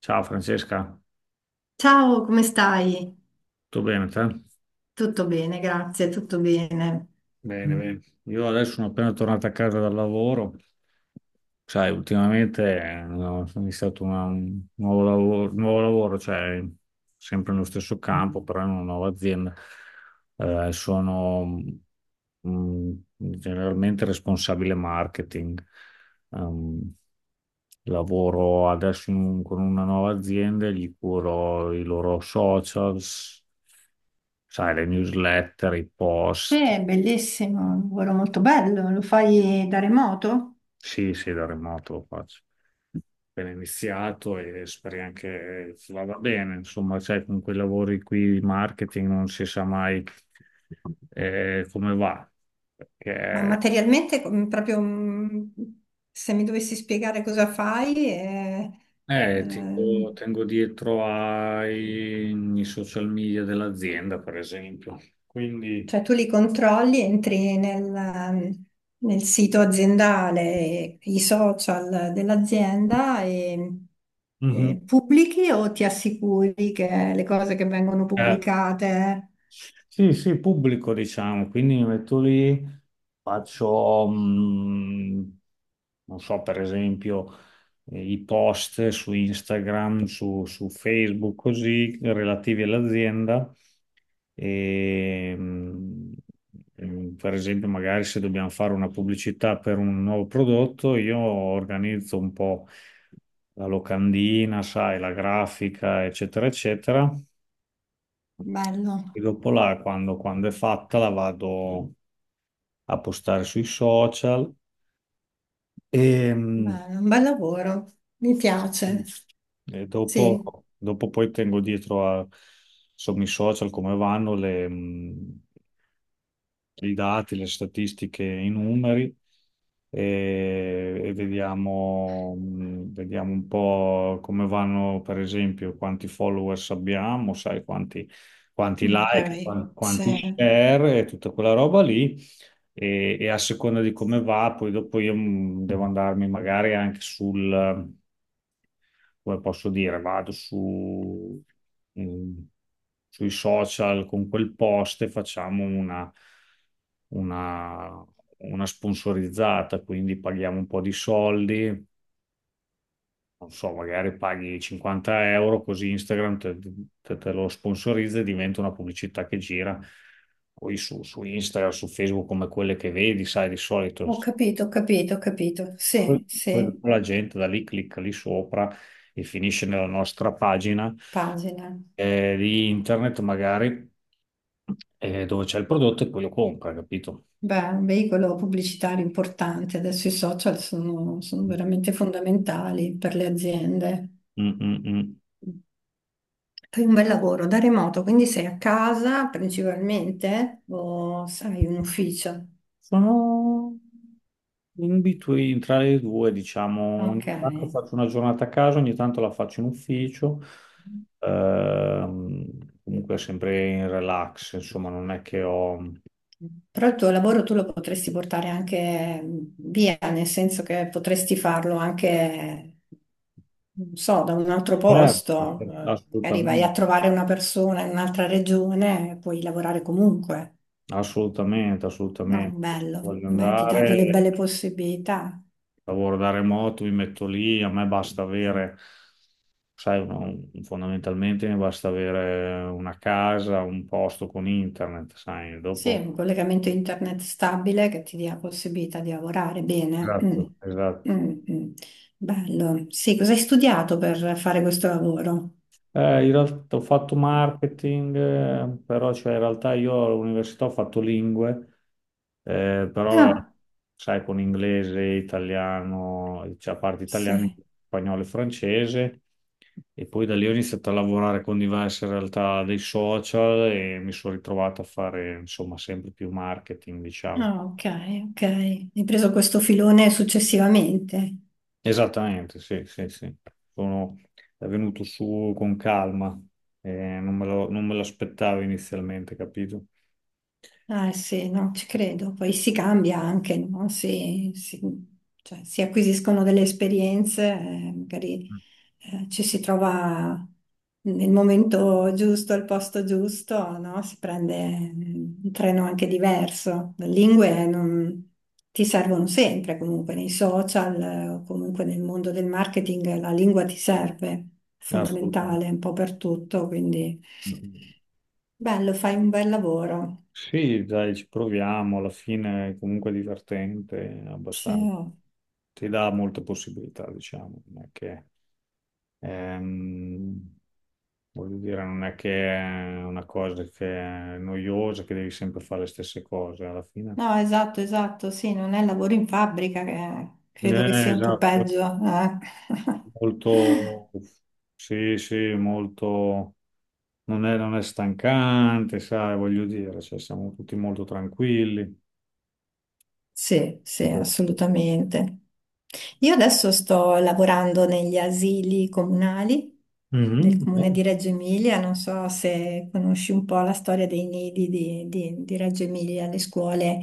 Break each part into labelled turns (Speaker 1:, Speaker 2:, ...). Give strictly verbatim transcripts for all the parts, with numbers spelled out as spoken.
Speaker 1: Ciao Francesca,
Speaker 2: Ciao, come stai?
Speaker 1: tutto bene te?
Speaker 2: Tutto bene, grazie, tutto bene.
Speaker 1: Bene, bene. Io adesso sono appena tornato a casa dal lavoro. Sai, ultimamente eh, ho iniziato una- un nuovo lavoro, nuovo lavoro, cioè sempre nello stesso campo, però in una nuova azienda. Eh, sono mm, generalmente responsabile marketing. Ehm, lavoro adesso in un- con una nuova azienda, e gli curo i loro socials, sai, le newsletter, i post.
Speaker 2: Sì, bellissimo, un lavoro molto bello, lo fai da remoto?
Speaker 1: Sì, sì, da remoto lo faccio. Appena iniziato e speri anche che vada bene. Insomma, sai, con quei lavori qui di marketing non si sa mai eh, come va.
Speaker 2: Ma
Speaker 1: Perché
Speaker 2: materialmente, com- proprio mm, se mi dovessi spiegare cosa fai, eh,
Speaker 1: eh, tengo,
Speaker 2: ehm,
Speaker 1: tengo dietro ai, ai social media dell'azienda, per esempio. Quindi,
Speaker 2: cioè tu li controlli, entri nel, mm, nel sito aziendale, i social dell'azienda e,
Speaker 1: mhm.
Speaker 2: e pubblichi o ti assicuri che le cose che vengono
Speaker 1: Eh,
Speaker 2: pubblicate,
Speaker 1: sì, sì, pubblico diciamo, quindi mi metto lì, faccio, mh, non so, per esempio, eh, i post su Instagram, su, su Facebook, così, relativi all'azienda. E, mh, mh, per esempio, magari se dobbiamo fare una pubblicità per un nuovo prodotto, io organizzo un po' la locandina, sai, la grafica, eccetera, eccetera.
Speaker 2: bello.
Speaker 1: E dopo la, quando, quando è fatta, la vado a postare sui social e, mm,
Speaker 2: Beh, un bel lavoro, mi piace.
Speaker 1: e
Speaker 2: Sì,
Speaker 1: dopo, dopo poi tengo dietro a, insomma, i social come vanno le, i dati, le statistiche, i numeri e, e vediamo, mh, vediamo un po' come vanno, per esempio, quanti followers abbiamo, sai, quanti, quanti like,
Speaker 2: ok,
Speaker 1: quan- quanti
Speaker 2: sì.
Speaker 1: share e tutta quella roba lì. E, e a seconda di come va, poi dopo io mh, devo andarmi magari anche sul come posso dire, vado su, mm, sui social con quel post e facciamo una, una, una sponsorizzata, quindi paghiamo un po' di soldi, non so, magari paghi cinquanta euro, così Instagram te, te- te lo sponsorizza e diventa una pubblicità che gira. Poi su, su Instagram, su Facebook, come quelle che vedi, sai, di solito
Speaker 2: Ho
Speaker 1: se-
Speaker 2: capito, ho capito, ho capito.
Speaker 1: poi-
Speaker 2: Sì,
Speaker 1: poi
Speaker 2: sì,
Speaker 1: la gente da lì clicca lì sopra e finisce nella nostra pagina
Speaker 2: pagina.
Speaker 1: eh, di internet magari eh, dove c'è il prodotto e poi lo compra, capito?
Speaker 2: Beh, un veicolo pubblicitario importante. Adesso i social sono, sono
Speaker 1: Mm,
Speaker 2: veramente fondamentali per le aziende.
Speaker 1: mm, mm.
Speaker 2: Fai un bel lavoro da remoto, quindi sei a casa principalmente o hai un ufficio?
Speaker 1: Sono in between tra le due, diciamo,
Speaker 2: Ok.
Speaker 1: ogni tanto faccio una giornata a casa, ogni tanto la faccio in ufficio. Ehm, comunque sempre in relax, insomma, non è che ho...
Speaker 2: Però il tuo lavoro tu lo potresti portare anche via, nel senso che potresti farlo anche, non so, da un altro
Speaker 1: Certo,
Speaker 2: posto.
Speaker 1: certo,
Speaker 2: Eh, Magari vai a
Speaker 1: assolutamente,
Speaker 2: trovare una persona in un'altra regione e puoi lavorare comunque.
Speaker 1: assolutamente,
Speaker 2: No, è
Speaker 1: assolutamente. Se
Speaker 2: bello.
Speaker 1: voglio
Speaker 2: Beh, ti dà delle
Speaker 1: andare.
Speaker 2: belle possibilità.
Speaker 1: Lavoro da remoto, mi metto lì, a me basta avere, sai, uno- fondamentalmente mi basta avere una casa, un posto con internet, sai,
Speaker 2: Sì,
Speaker 1: dopo...
Speaker 2: un collegamento internet stabile che ti dia la possibilità di lavorare bene. Mm.
Speaker 1: Esatto. Esatto.
Speaker 2: Mm, mm. Bello. Sì, cosa hai studiato per fare questo lavoro?
Speaker 1: Eh, in realtà ho fatto marketing, eh, però cioè, in realtà io all'università ho fatto lingue, eh, però
Speaker 2: Ah,
Speaker 1: sai con inglese, italiano, cioè a parte italiano,
Speaker 2: sì.
Speaker 1: spagnolo e francese, e poi da lì ho iniziato a lavorare con diverse realtà dei social e mi sono ritrovato a fare insomma sempre più marketing, diciamo.
Speaker 2: Ah, ok, ok. Hai preso questo filone successivamente.
Speaker 1: Esattamente, sì, sì, sì. Sono è venuto su con calma, eh, non me lo- non me l'aspettavo inizialmente, capito?
Speaker 2: Ah, sì, no, ci credo. Poi si cambia anche, no? Si, si- cioè, si acquisiscono delle esperienze, eh, magari eh, ci si trova nel momento giusto, al posto giusto, no? Si prende eh, un treno anche diverso. Le lingue non- ti servono sempre, comunque nei social, eh, o comunque nel mondo del marketing, la lingua ti serve, è
Speaker 1: Assolutamente.
Speaker 2: fondamentale un po' per tutto, quindi bello, fai un bel lavoro.
Speaker 1: Sì, dai, ci proviamo, alla fine è comunque divertente
Speaker 2: Sì.
Speaker 1: abbastanza.
Speaker 2: Oh.
Speaker 1: Ti dà molte possibilità, diciamo, non è che, ehm, voglio dire, non è che è una cosa che è noiosa, che devi sempre fare le stesse cose, alla fine.
Speaker 2: No, esatto, esatto, sì, non è lavoro in fabbrica che credo che
Speaker 1: Eh,
Speaker 2: sia un po'
Speaker 1: esatto,
Speaker 2: peggio. Eh.
Speaker 1: molto, sì, sì, molto, non è, non è stancante, sai, voglio dire, cioè, siamo tutti molto tranquilli,
Speaker 2: Sì, sì,
Speaker 1: eccetera, eccetera.
Speaker 2: assolutamente. Io adesso sto lavorando negli asili comunali del
Speaker 1: Mhm, eh,
Speaker 2: comune di Reggio Emilia, non so se conosci un po' la storia dei nidi di, di- di Reggio Emilia, le scuole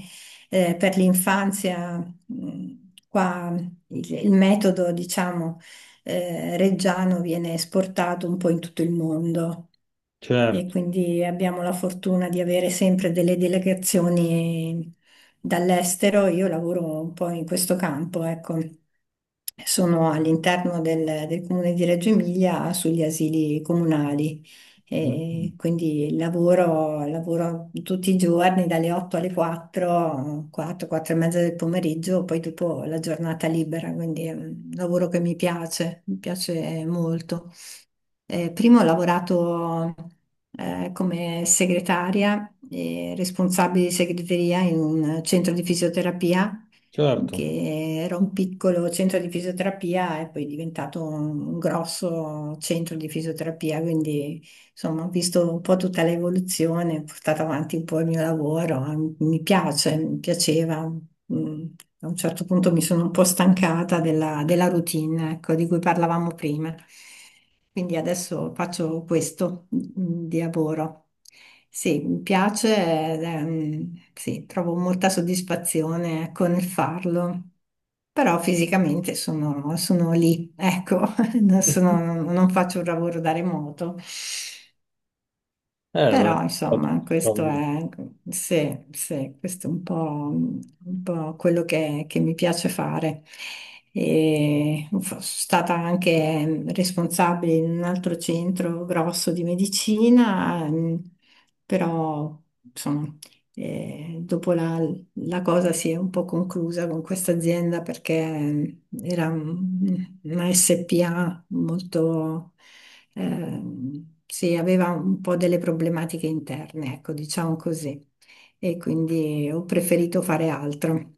Speaker 2: eh, per l'infanzia, mh, qua il, il metodo, diciamo, eh, reggiano viene esportato un po' in tutto il mondo e
Speaker 1: certo,
Speaker 2: quindi abbiamo la fortuna di avere sempre delle delegazioni dall'estero. Io lavoro un po' in questo campo, ecco. Sono all'interno del, del comune di Reggio Emilia sugli asili comunali.
Speaker 1: mm,
Speaker 2: E quindi lavoro, lavoro tutti i giorni dalle otto alle quattro, quattro, quattro e mezza del pomeriggio, poi dopo la giornata libera, quindi è un lavoro che mi piace, mi piace molto. Eh, prima ho lavorato eh, come segretaria e responsabile di segreteria in un centro di fisioterapia,
Speaker 1: certo.
Speaker 2: che era un piccolo centro di fisioterapia e poi è diventato un, un grosso centro di fisioterapia, quindi insomma ho visto un po' tutta l'evoluzione, ho portato avanti un po' il mio lavoro, mi piace, mi piaceva. Mm, A un certo punto mi sono un po' stancata della, della routine, ecco, di cui parlavamo prima. Quindi adesso faccio questo mm, di lavoro. Sì, mi piace, ed, ehm, sì, trovo molta soddisfazione con il farlo, però fisicamente sono, sono lì, ecco, non sono- non faccio un lavoro da remoto.
Speaker 1: Eh, beh,
Speaker 2: Però,
Speaker 1: ho
Speaker 2: insomma, questo
Speaker 1: capito.
Speaker 2: è, sì, sì, questo è un po', un po' quello che, che mi piace fare. E sono stata anche responsabile in un altro centro grosso di medicina, ehm, però, insomma, eh, dopo la, la cosa si è un po' conclusa con questa azienda perché mm, era un- una S P A molto, ehm, sì, aveva un po' delle problematiche interne, ecco, diciamo così. E quindi ho preferito fare altro.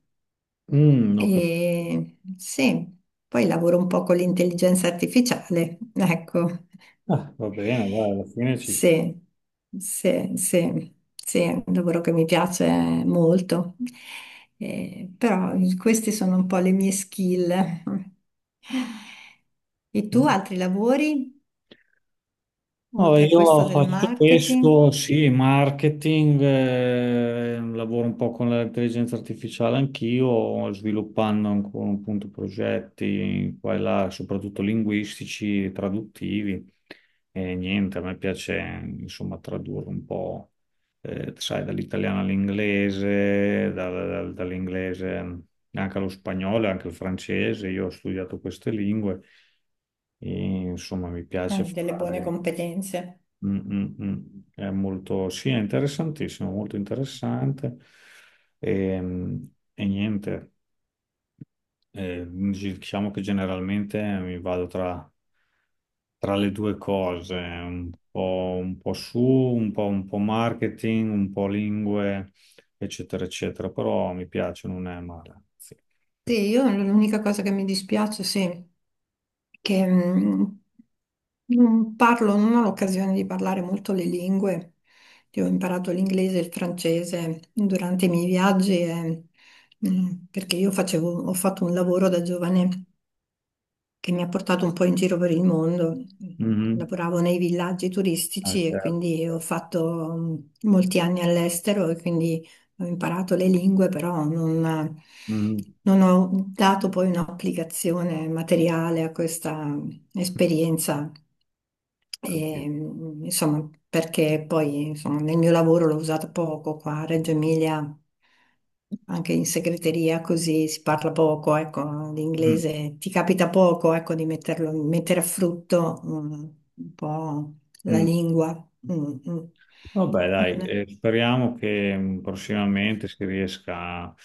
Speaker 1: Mm, ho cap-
Speaker 2: E sì, poi lavoro un po' con l'intelligenza artificiale, ecco,
Speaker 1: Ah, va bene, dai, alla fine ci...
Speaker 2: sì, sì, sì, sì, è un lavoro che mi piace molto. Eh, però queste sono un po' le mie skill. E tu
Speaker 1: Mm.
Speaker 2: altri lavori
Speaker 1: No,
Speaker 2: oltre a questo
Speaker 1: io
Speaker 2: del
Speaker 1: faccio
Speaker 2: marketing?
Speaker 1: questo, sì, marketing, eh, lavoro un po' con l'intelligenza artificiale anch'io, sviluppando ancora un punto progetti qua e là, soprattutto linguistici, traduttivi. E niente, a me piace insomma tradurre un po', eh, sai, dall'italiano all'inglese, dal- dal- dall'inglese anche allo spagnolo, e anche al francese. Io ho studiato queste lingue. E, insomma, mi piace
Speaker 2: Eh, delle buone
Speaker 1: fare.
Speaker 2: competenze.
Speaker 1: Mm, mm, mm. È molto, sì, è interessantissimo, molto interessante. E, mm, e niente, eh, diciamo che generalmente mi vado tra, tra le due cose, un po', un po' su, un po', un po' marketing, un po' lingue, eccetera, eccetera, però mi piace, non è male. Sì.
Speaker 2: Sì, io l'unica cosa che mi dispiace, sì, è che mh, non parlo, non ho l'occasione di parlare molto le lingue. Io ho imparato l'inglese e il francese durante i miei viaggi e, mh, perché io facevo, ho fatto un lavoro da giovane che mi ha portato un po' in giro per il mondo.
Speaker 1: Mhm.
Speaker 2: Lavoravo nei villaggi
Speaker 1: Ah,
Speaker 2: turistici e
Speaker 1: certo.
Speaker 2: quindi ho fatto mh, molti anni all'estero e quindi ho imparato le lingue, però non,
Speaker 1: Mhm.
Speaker 2: non ho dato poi un'applicazione materiale a questa esperienza. E,
Speaker 1: Capito.
Speaker 2: mh, insomma, perché poi insomma, nel mio lavoro l'ho usato poco qua a Reggio Emilia, anche in segreteria, così si parla poco, ecco,
Speaker 1: Mm,
Speaker 2: l'inglese ti capita poco, ecco, di metterlo, mettere a frutto mm, un po' la
Speaker 1: mm.
Speaker 2: lingua. Mm, mm.
Speaker 1: Vabbè, dai,
Speaker 2: Non è-
Speaker 1: eh, speriamo che mh, prossimamente si riesca a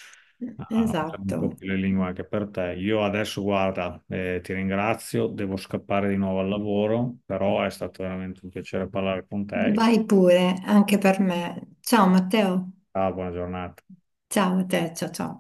Speaker 1: a usare un
Speaker 2: Esatto.
Speaker 1: po' più le lingue anche per te. Io adesso, guarda, eh, ti ringrazio, devo scappare di nuovo al lavoro, però è stato veramente un piacere parlare con te.
Speaker 2: Vai pure, anche per me. Ciao Matteo.
Speaker 1: Ciao, buona giornata.
Speaker 2: Ciao a te, ciao ciao.